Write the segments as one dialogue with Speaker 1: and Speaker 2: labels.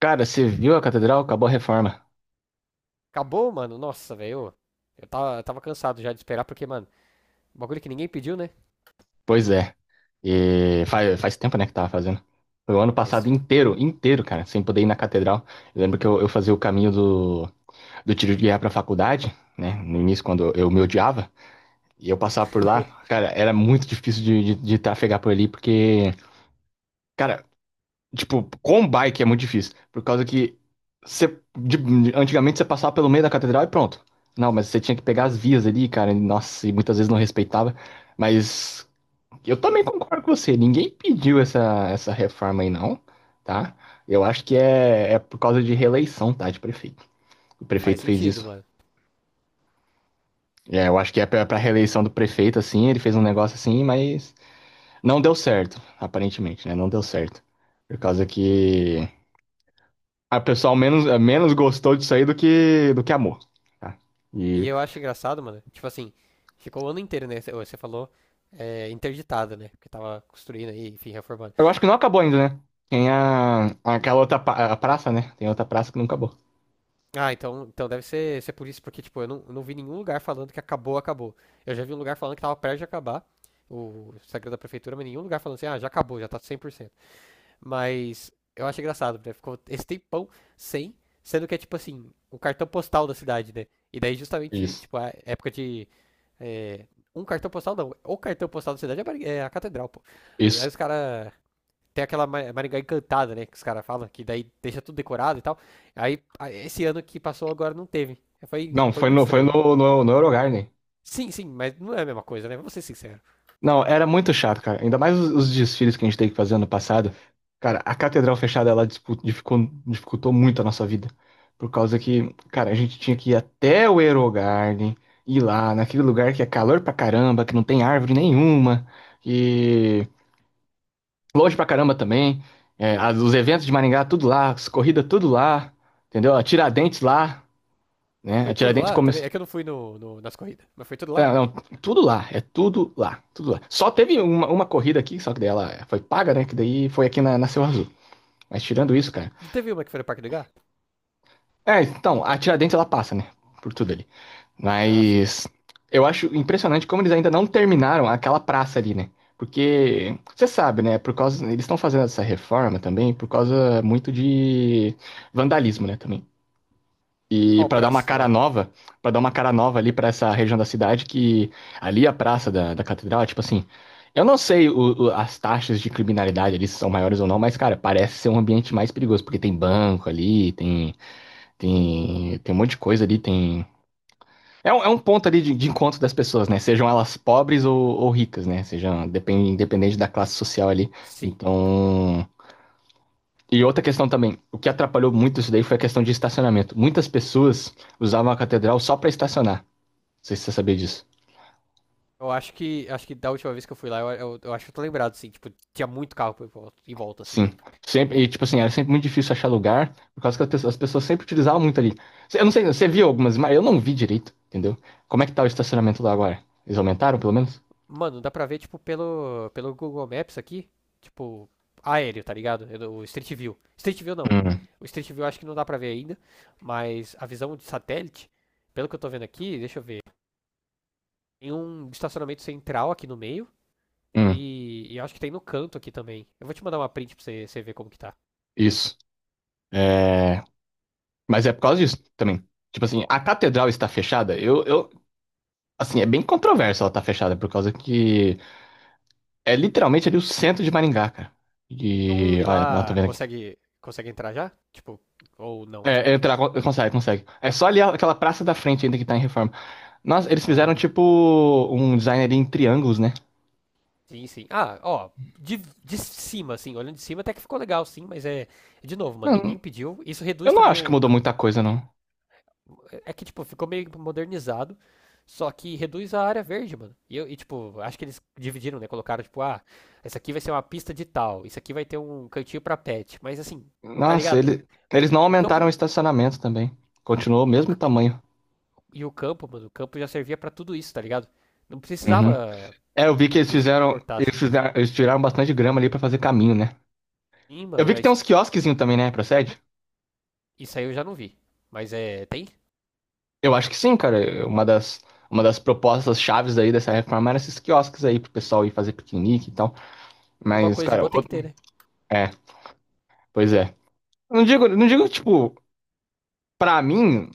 Speaker 1: Cara, você viu a catedral? Acabou a reforma.
Speaker 2: Acabou, mano. Nossa, velho. Eu tava cansado já de esperar, porque, mano, bagulho que ninguém pediu, né?
Speaker 1: Pois é. E faz tempo, né, que tava fazendo. Foi o ano passado
Speaker 2: Mas
Speaker 1: inteiro, inteiro, cara, sem poder ir na catedral. Eu lembro que eu fazia o caminho do, do tiro de guerra pra faculdade, né? No início, quando eu me odiava. E eu passava por lá. Cara, era muito difícil de trafegar por ali, porque... Cara, tipo, com um bike é muito difícil. Por causa que você, antigamente você passava pelo meio da catedral e pronto. Não, mas você tinha que pegar as
Speaker 2: Uhum.
Speaker 1: vias ali, cara. Nossa, e muitas vezes não respeitava. Mas... Eu também concordo com você. Ninguém pediu essa reforma aí, não, tá? Eu acho que é por causa de reeleição, tá? De prefeito. O
Speaker 2: Faz
Speaker 1: prefeito fez
Speaker 2: sentido,
Speaker 1: isso.
Speaker 2: mano.
Speaker 1: É, eu acho que é pra reeleição do prefeito, assim. Ele fez um negócio assim, mas não deu certo, aparentemente, né? Não deu certo. Por causa que a pessoa menos, menos gostou disso aí do que amou, tá?
Speaker 2: E
Speaker 1: E
Speaker 2: eu acho engraçado, mano. Tipo assim, ficou o ano inteiro, né? Você falou interditada, né? Porque tava construindo aí, enfim, reformando.
Speaker 1: eu acho que não acabou ainda, né? Tem a, aquela outra a praça, né? Tem outra praça que não acabou.
Speaker 2: Ah, então deve ser por isso, porque, tipo, eu não vi nenhum lugar falando que acabou. Eu já vi um lugar falando que tava perto de acabar, o Instagram da prefeitura, mas nenhum lugar falando assim, ah, já acabou, já tá 100%. Mas eu acho engraçado, né? Ficou esse tempão sem, sendo que é tipo assim, o cartão postal da cidade, né? E daí justamente,
Speaker 1: Isso.
Speaker 2: tipo, a época de. é, Um cartão postal não. O cartão postal da cidade é a é a catedral, pô. Aí
Speaker 1: Isso.
Speaker 2: os caras. Tem aquela Maringá encantada, né? Que os caras falam, que daí deixa tudo decorado e tal. Aí, esse ano que passou agora não teve. Foi,
Speaker 1: Não,
Speaker 2: foi
Speaker 1: foi
Speaker 2: muito
Speaker 1: no, foi
Speaker 2: estranho.
Speaker 1: no Eurogarden.
Speaker 2: Sim, sim, mas não é a mesma coisa, né? Vamos ser sinceros.
Speaker 1: Não, era muito chato, cara. Ainda mais os desfiles que a gente teve que fazer ano passado. Cara, a catedral fechada, ela dificultou muito a nossa vida. Por causa
Speaker 2: Sim.
Speaker 1: que, cara, a gente tinha que ir até o Eurogarden, ir lá, naquele lugar que é calor pra caramba, que não tem árvore nenhuma, e longe pra caramba também. É, os eventos de Maringá, tudo lá, as corridas, tudo lá, entendeu? A Tiradentes lá, né? A
Speaker 2: Foi tudo
Speaker 1: Tiradentes.
Speaker 2: lá também. É que eu não fui nas corridas, mas foi tudo
Speaker 1: É,
Speaker 2: lá.
Speaker 1: não, tudo lá, é tudo lá, tudo lá. Só teve uma corrida aqui, só que daí ela foi paga, né? Que daí foi aqui na, na Seu Azul. Mas tirando isso, cara.
Speaker 2: Não teve uma que foi no Parque do Gá?
Speaker 1: É, então, a Tiradentes ela passa, né? Por tudo ali.
Speaker 2: Ah, sim.
Speaker 1: Mas eu acho impressionante como eles ainda não terminaram aquela praça ali, né? Porque você sabe, né? Por causa eles estão fazendo essa reforma também por causa muito de vandalismo, né? Também. E
Speaker 2: Qual
Speaker 1: para dar
Speaker 2: praça
Speaker 1: uma
Speaker 2: você
Speaker 1: cara
Speaker 2: tava?
Speaker 1: nova, para dar uma cara nova ali para essa região da cidade, que ali a praça da, da catedral, é tipo assim, eu não sei as taxas de criminalidade ali se são maiores ou não, mas cara, parece ser um ambiente mais perigoso, porque tem banco ali, tem tem um monte de coisa ali, tem. É é um ponto ali de encontro das pessoas, né? Sejam elas pobres ou ricas, né? Sejam depende, independente da classe social ali.
Speaker 2: Sim.
Speaker 1: Então, e outra questão também, o que atrapalhou muito isso daí foi a questão de estacionamento. Muitas pessoas usavam a catedral só para estacionar. Não sei se você sabia disso.
Speaker 2: Eu acho que. Acho que da última vez que eu fui lá, eu acho que eu tô lembrado, assim. Tipo, tinha muito carro em volta, assim.
Speaker 1: Sim. Sempre, e tipo assim, era sempre muito difícil achar lugar, por causa que as pessoas sempre utilizavam muito ali. Eu não sei, você viu algumas, mas eu não vi direito, entendeu? Como é que tá o estacionamento lá agora? Eles aumentaram, pelo menos?
Speaker 2: Mano, dá pra ver, tipo, pelo Google Maps aqui. Tipo, aéreo, tá ligado? O Street View. Street View não.
Speaker 1: Hum,
Speaker 2: O Street View acho que não dá pra ver ainda. Mas a visão de satélite, pelo que eu tô vendo aqui, deixa eu ver. Tem um estacionamento central aqui no meio.
Speaker 1: hum,
Speaker 2: E eu acho que tem no canto aqui também. Eu vou te mandar uma print pra você, você ver como que tá.
Speaker 1: isso. É... Mas é por causa disso também. Tipo assim, a catedral está fechada, assim, é bem controverso ela estar fechada, por causa que é literalmente ali o centro de Maringá, cara.
Speaker 2: Um
Speaker 1: E.
Speaker 2: ir
Speaker 1: Olha, não, tô
Speaker 2: lá
Speaker 1: vendo aqui.
Speaker 2: consegue, consegue entrar já? Tipo, ou não?
Speaker 1: É, entrar, consegue, consegue. É só ali aquela praça da frente ainda que tá em reforma. Nossa, eles
Speaker 2: Ah,
Speaker 1: fizeram tipo um design ali em triângulos, né?
Speaker 2: sim, sim. Ah, ó, de, de cima, assim, olhando de cima até que ficou legal, sim, mas é, é de novo, mano,
Speaker 1: Não,
Speaker 2: ninguém pediu. Isso
Speaker 1: eu
Speaker 2: reduz
Speaker 1: não
Speaker 2: também
Speaker 1: acho que
Speaker 2: o.
Speaker 1: mudou muita coisa, não.
Speaker 2: É que, tipo, ficou meio modernizado, só que reduz a área verde, mano. E, e, tipo, acho que eles dividiram, né? Colocaram, tipo, ah, essa aqui vai ser uma pista de tal, isso aqui vai ter um cantinho pra pet, mas assim, tá
Speaker 1: Nossa,
Speaker 2: ligado?
Speaker 1: eles não
Speaker 2: O
Speaker 1: aumentaram o
Speaker 2: campo.
Speaker 1: estacionamento também. Continuou o
Speaker 2: E o,
Speaker 1: mesmo
Speaker 2: c-
Speaker 1: tamanho.
Speaker 2: e o campo, mano, o campo já servia pra tudo isso, tá ligado? Não
Speaker 1: Uhum.
Speaker 2: precisava
Speaker 1: É, eu vi que eles
Speaker 2: de
Speaker 1: fizeram.
Speaker 2: cortar
Speaker 1: Eles
Speaker 2: assim.
Speaker 1: fizeram, eles tiraram bastante grama ali pra fazer caminho, né?
Speaker 2: Sim,
Speaker 1: Eu
Speaker 2: mano,
Speaker 1: vi que tem
Speaker 2: mas
Speaker 1: uns quiosquezinhos também, né? Procede?
Speaker 2: isso aí eu já não vi. Mas é. Tem?
Speaker 1: Eu acho que sim, cara. Uma das propostas chaves aí dessa reforma era esses quiosques aí pro pessoal ir fazer piquenique e tal.
Speaker 2: Alguma
Speaker 1: Mas,
Speaker 2: coisa de
Speaker 1: cara,
Speaker 2: boa tem que
Speaker 1: outro...
Speaker 2: ter, né?
Speaker 1: é, pois é. Não digo, não digo, tipo, pra mim,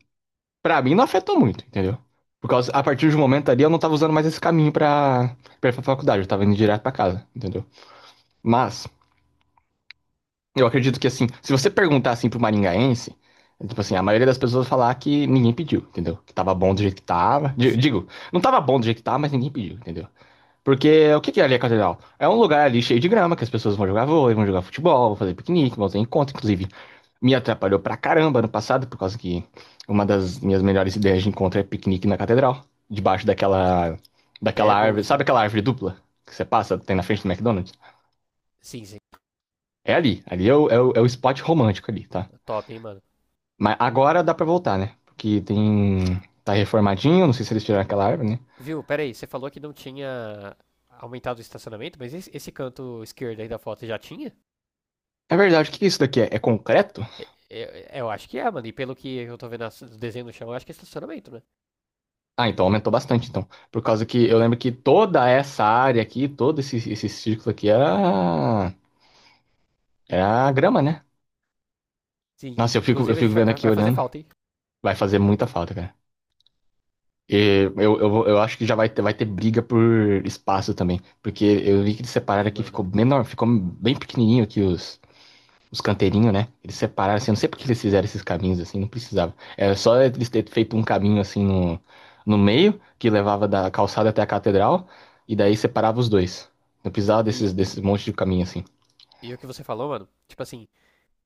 Speaker 1: pra mim não afetou muito, entendeu? Por causa, a partir de um momento ali eu não tava usando mais esse caminho pra, pra ir pra faculdade, eu tava indo direto pra casa, entendeu? Mas, eu acredito que assim, se você perguntar assim pro maringaense, é tipo assim, a maioria das pessoas vai falar que ninguém pediu, entendeu? Que tava bom do jeito que tava.
Speaker 2: Sim.
Speaker 1: Digo, não tava bom do jeito que tava, mas ninguém pediu, entendeu? Porque o que que é ali a catedral? É um lugar ali cheio de grama, que as pessoas vão jogar vôlei, vão jogar futebol, vão fazer piquenique, vão ter encontro, inclusive. Me atrapalhou pra caramba no passado, por causa que uma das minhas melhores ideias de encontro é piquenique na catedral, debaixo daquela, daquela
Speaker 2: Ideia é
Speaker 1: árvore,
Speaker 2: Gold,
Speaker 1: sabe
Speaker 2: tá?
Speaker 1: aquela árvore dupla que você passa, tem na frente do McDonald's?
Speaker 2: Sim, sim.
Speaker 1: É ali, ali é é o spot romântico ali, tá?
Speaker 2: É Top, hein, mano.
Speaker 1: Mas agora dá pra voltar, né? Porque tem, tá reformadinho, não sei se eles tiraram aquela árvore, né?
Speaker 2: Viu? Pera aí, você falou que não tinha aumentado o estacionamento, mas esse canto esquerdo aí da foto já tinha?
Speaker 1: É verdade, o que que é isso daqui é? É concreto?
Speaker 2: É, eu acho que é, mano. E pelo que eu tô vendo o desenho no chão, eu acho que é estacionamento, né?
Speaker 1: Ah, então aumentou bastante, então. Por causa que eu lembro que toda essa área aqui, todo esse círculo aqui era, era grama, né?
Speaker 2: Sim.
Speaker 1: Nossa, eu
Speaker 2: Inclusive a
Speaker 1: fico
Speaker 2: gente vai,
Speaker 1: vendo aqui
Speaker 2: vai fazer
Speaker 1: olhando.
Speaker 2: falta, hein?
Speaker 1: Vai fazer muita falta, cara. E eu acho que já vai ter briga por espaço também. Porque eu vi que eles separaram
Speaker 2: Sim,
Speaker 1: aqui,
Speaker 2: mano.
Speaker 1: ficou menor, ficou bem pequenininho aqui os canteirinhos, né? Eles separaram, assim, eu não sei porque eles fizeram esses caminhos assim, não precisava. Era só eles terem feito um caminho assim no, no meio, que levava da calçada até a catedral, e daí separava os dois. Não precisava desses,
Speaker 2: E,
Speaker 1: desses monte de caminho assim.
Speaker 2: e o que você falou, mano? Tipo assim,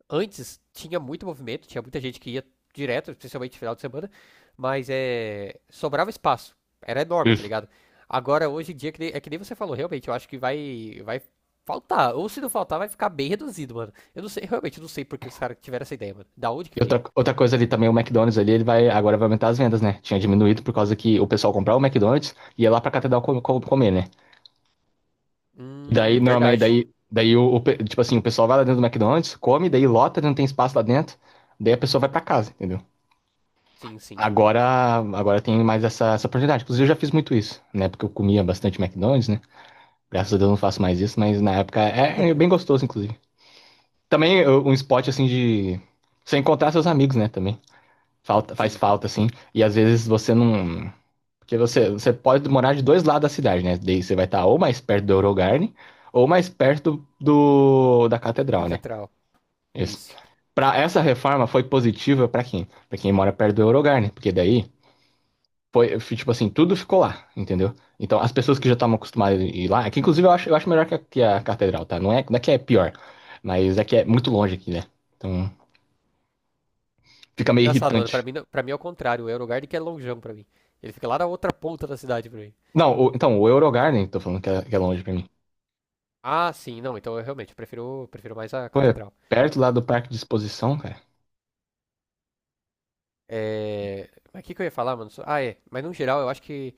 Speaker 2: antes tinha muito movimento, tinha muita gente que ia direto, principalmente no final de semana, mas é, sobrava espaço. Era enorme, tá
Speaker 1: Isso.
Speaker 2: ligado? Agora, hoje em dia, que nem- é que nem você falou, realmente, eu acho que vai faltar. Ou se não faltar, vai ficar bem reduzido, mano. Eu não sei, realmente, eu não sei por que os caras tiveram essa ideia, mano. Da onde que
Speaker 1: E
Speaker 2: veio?
Speaker 1: outra, outra coisa ali também, o McDonald's ali, ele vai, agora vai aumentar as vendas, né? Tinha diminuído por causa que o pessoal comprava o McDonald's e ia lá pra catedral comer, né? E daí, normalmente,
Speaker 2: Verdade.
Speaker 1: daí tipo assim, o pessoal vai lá dentro do McDonald's, come, daí lota, não tem espaço lá dentro, daí a pessoa vai pra casa, entendeu?
Speaker 2: Sim, sim.
Speaker 1: Agora, agora tem mais essa oportunidade. Inclusive, eu já fiz muito isso, né? Porque eu comia bastante McDonald's, né? Graças a
Speaker 2: Hum.
Speaker 1: Deus eu não faço mais isso, mas na época é bem gostoso, inclusive. Também um spot assim de você encontrar seus amigos, né? Também falta, faz
Speaker 2: Sim,
Speaker 1: falta assim. E às vezes você não, porque você pode morar de dois lados da cidade, né? Daí você vai estar ou mais perto do Eurogarden ou mais perto do da Catedral, né?
Speaker 2: catedral.
Speaker 1: Isso.
Speaker 2: Isso.
Speaker 1: Para essa reforma foi positiva para quem? Para quem mora perto do Eurogarden, porque daí foi, foi, tipo assim, tudo ficou lá, entendeu? Então, as pessoas que
Speaker 2: Sim.
Speaker 1: já estavam acostumadas a ir lá, que inclusive eu acho melhor que que a catedral, tá? Não é, não é que é pior, mas é que é muito longe aqui, né? Então, fica meio
Speaker 2: Engraçado, mano. Pra
Speaker 1: irritante.
Speaker 2: mim, não- Pra mim é o contrário. É o lugar de que é longeão pra mim. Ele fica lá na outra ponta da cidade pra mim.
Speaker 1: Não, então, o Eurogarden, tô falando que é longe pra mim.
Speaker 2: Ah, sim, não, então eu realmente prefiro, prefiro mais a
Speaker 1: Pô, é
Speaker 2: catedral.
Speaker 1: perto lá do parque de exposição, cara.
Speaker 2: É... Mas o que, que eu ia falar, mano? Ah, é, mas no geral eu acho que,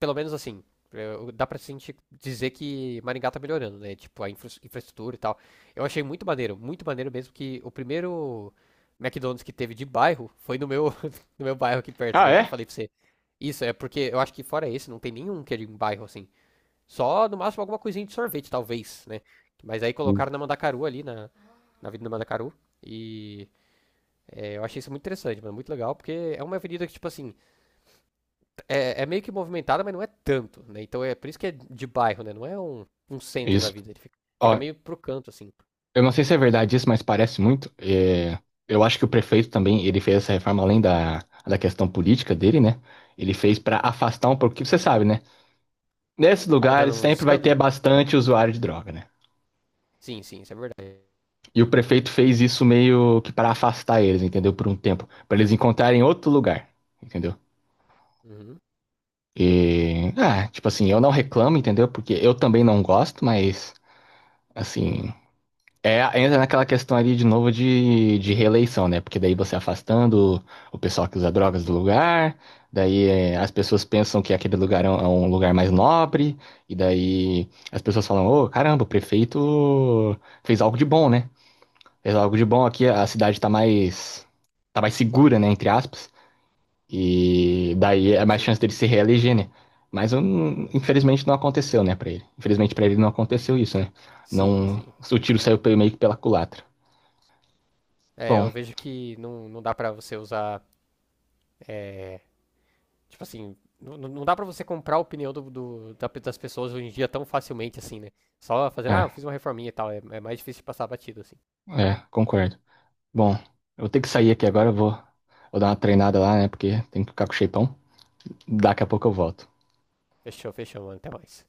Speaker 2: pelo menos assim, dá pra gente dizer que Maringá tá melhorando, né? Tipo, a infraestrutura e tal. Eu achei muito maneiro mesmo que o primeiro McDonald's que teve de bairro foi no meu, no meu bairro aqui perto,
Speaker 1: Ah,
Speaker 2: né? Que eu
Speaker 1: é?
Speaker 2: falei pra você. Isso, é porque eu acho que fora esse não tem nenhum que é de um bairro assim. Só no máximo alguma coisinha de sorvete, talvez, né? Mas aí colocaram na Mandacaru ali, na Avenida Mandacaru. E é, eu achei isso muito interessante, mano, muito legal, porque é uma avenida que, tipo assim, é, é meio que movimentada, mas não é tanto, né? Então é por isso que é de bairro, né? Não é um, um centro da
Speaker 1: Isso.
Speaker 2: vida, ele fica, fica
Speaker 1: Ó,
Speaker 2: meio pro canto, assim.
Speaker 1: eu não sei se é verdade isso, mas parece muito. É, eu acho que o prefeito também, ele fez essa reforma além da, da questão política dele, né? Ele fez pra afastar um pouco, porque você sabe, né? Nesses
Speaker 2: Tava dando
Speaker 1: lugares
Speaker 2: uns
Speaker 1: sempre vai ter
Speaker 2: escândalo?
Speaker 1: bastante usuário de droga, né?
Speaker 2: Sim, sim, isso é verdade.
Speaker 1: E o prefeito fez isso meio que para afastar eles, entendeu? Por um tempo, para eles encontrarem outro lugar, entendeu?
Speaker 2: Uhum,
Speaker 1: E, ah, tipo assim, eu não reclamo, entendeu? Porque eu também não gosto, mas assim, é, entra naquela questão ali de novo de reeleição, né? Porque daí você afastando o pessoal que usa drogas do lugar, daí é, as pessoas pensam que aquele lugar é um lugar mais nobre, e daí as pessoas falam, ô, caramba, o prefeito fez algo de bom, né? Fez algo de bom aqui, a cidade tá mais segura, né, entre aspas, e daí é mais
Speaker 2: sim,
Speaker 1: chance dele se reeleger, né? Mas infelizmente não aconteceu, né, pra ele. Infelizmente pra ele não aconteceu isso, né?
Speaker 2: sim, sim.
Speaker 1: Não, o tiro saiu meio que pela culatra.
Speaker 2: É, eu
Speaker 1: Bom,
Speaker 2: vejo que não dá pra você usar, é, tipo assim, não dá pra você comprar a opinião das pessoas hoje em dia tão facilmente, assim, né? Só fazendo, ah, eu
Speaker 1: é,
Speaker 2: fiz uma reforminha e tal, é mais difícil de passar batido, assim.
Speaker 1: é, concordo. Bom, eu vou ter que sair aqui agora, vou dar uma treinada lá, né? Porque tem que ficar com o shapeão. Daqui a pouco eu volto.
Speaker 2: Fechou, fechou, mano, até mais.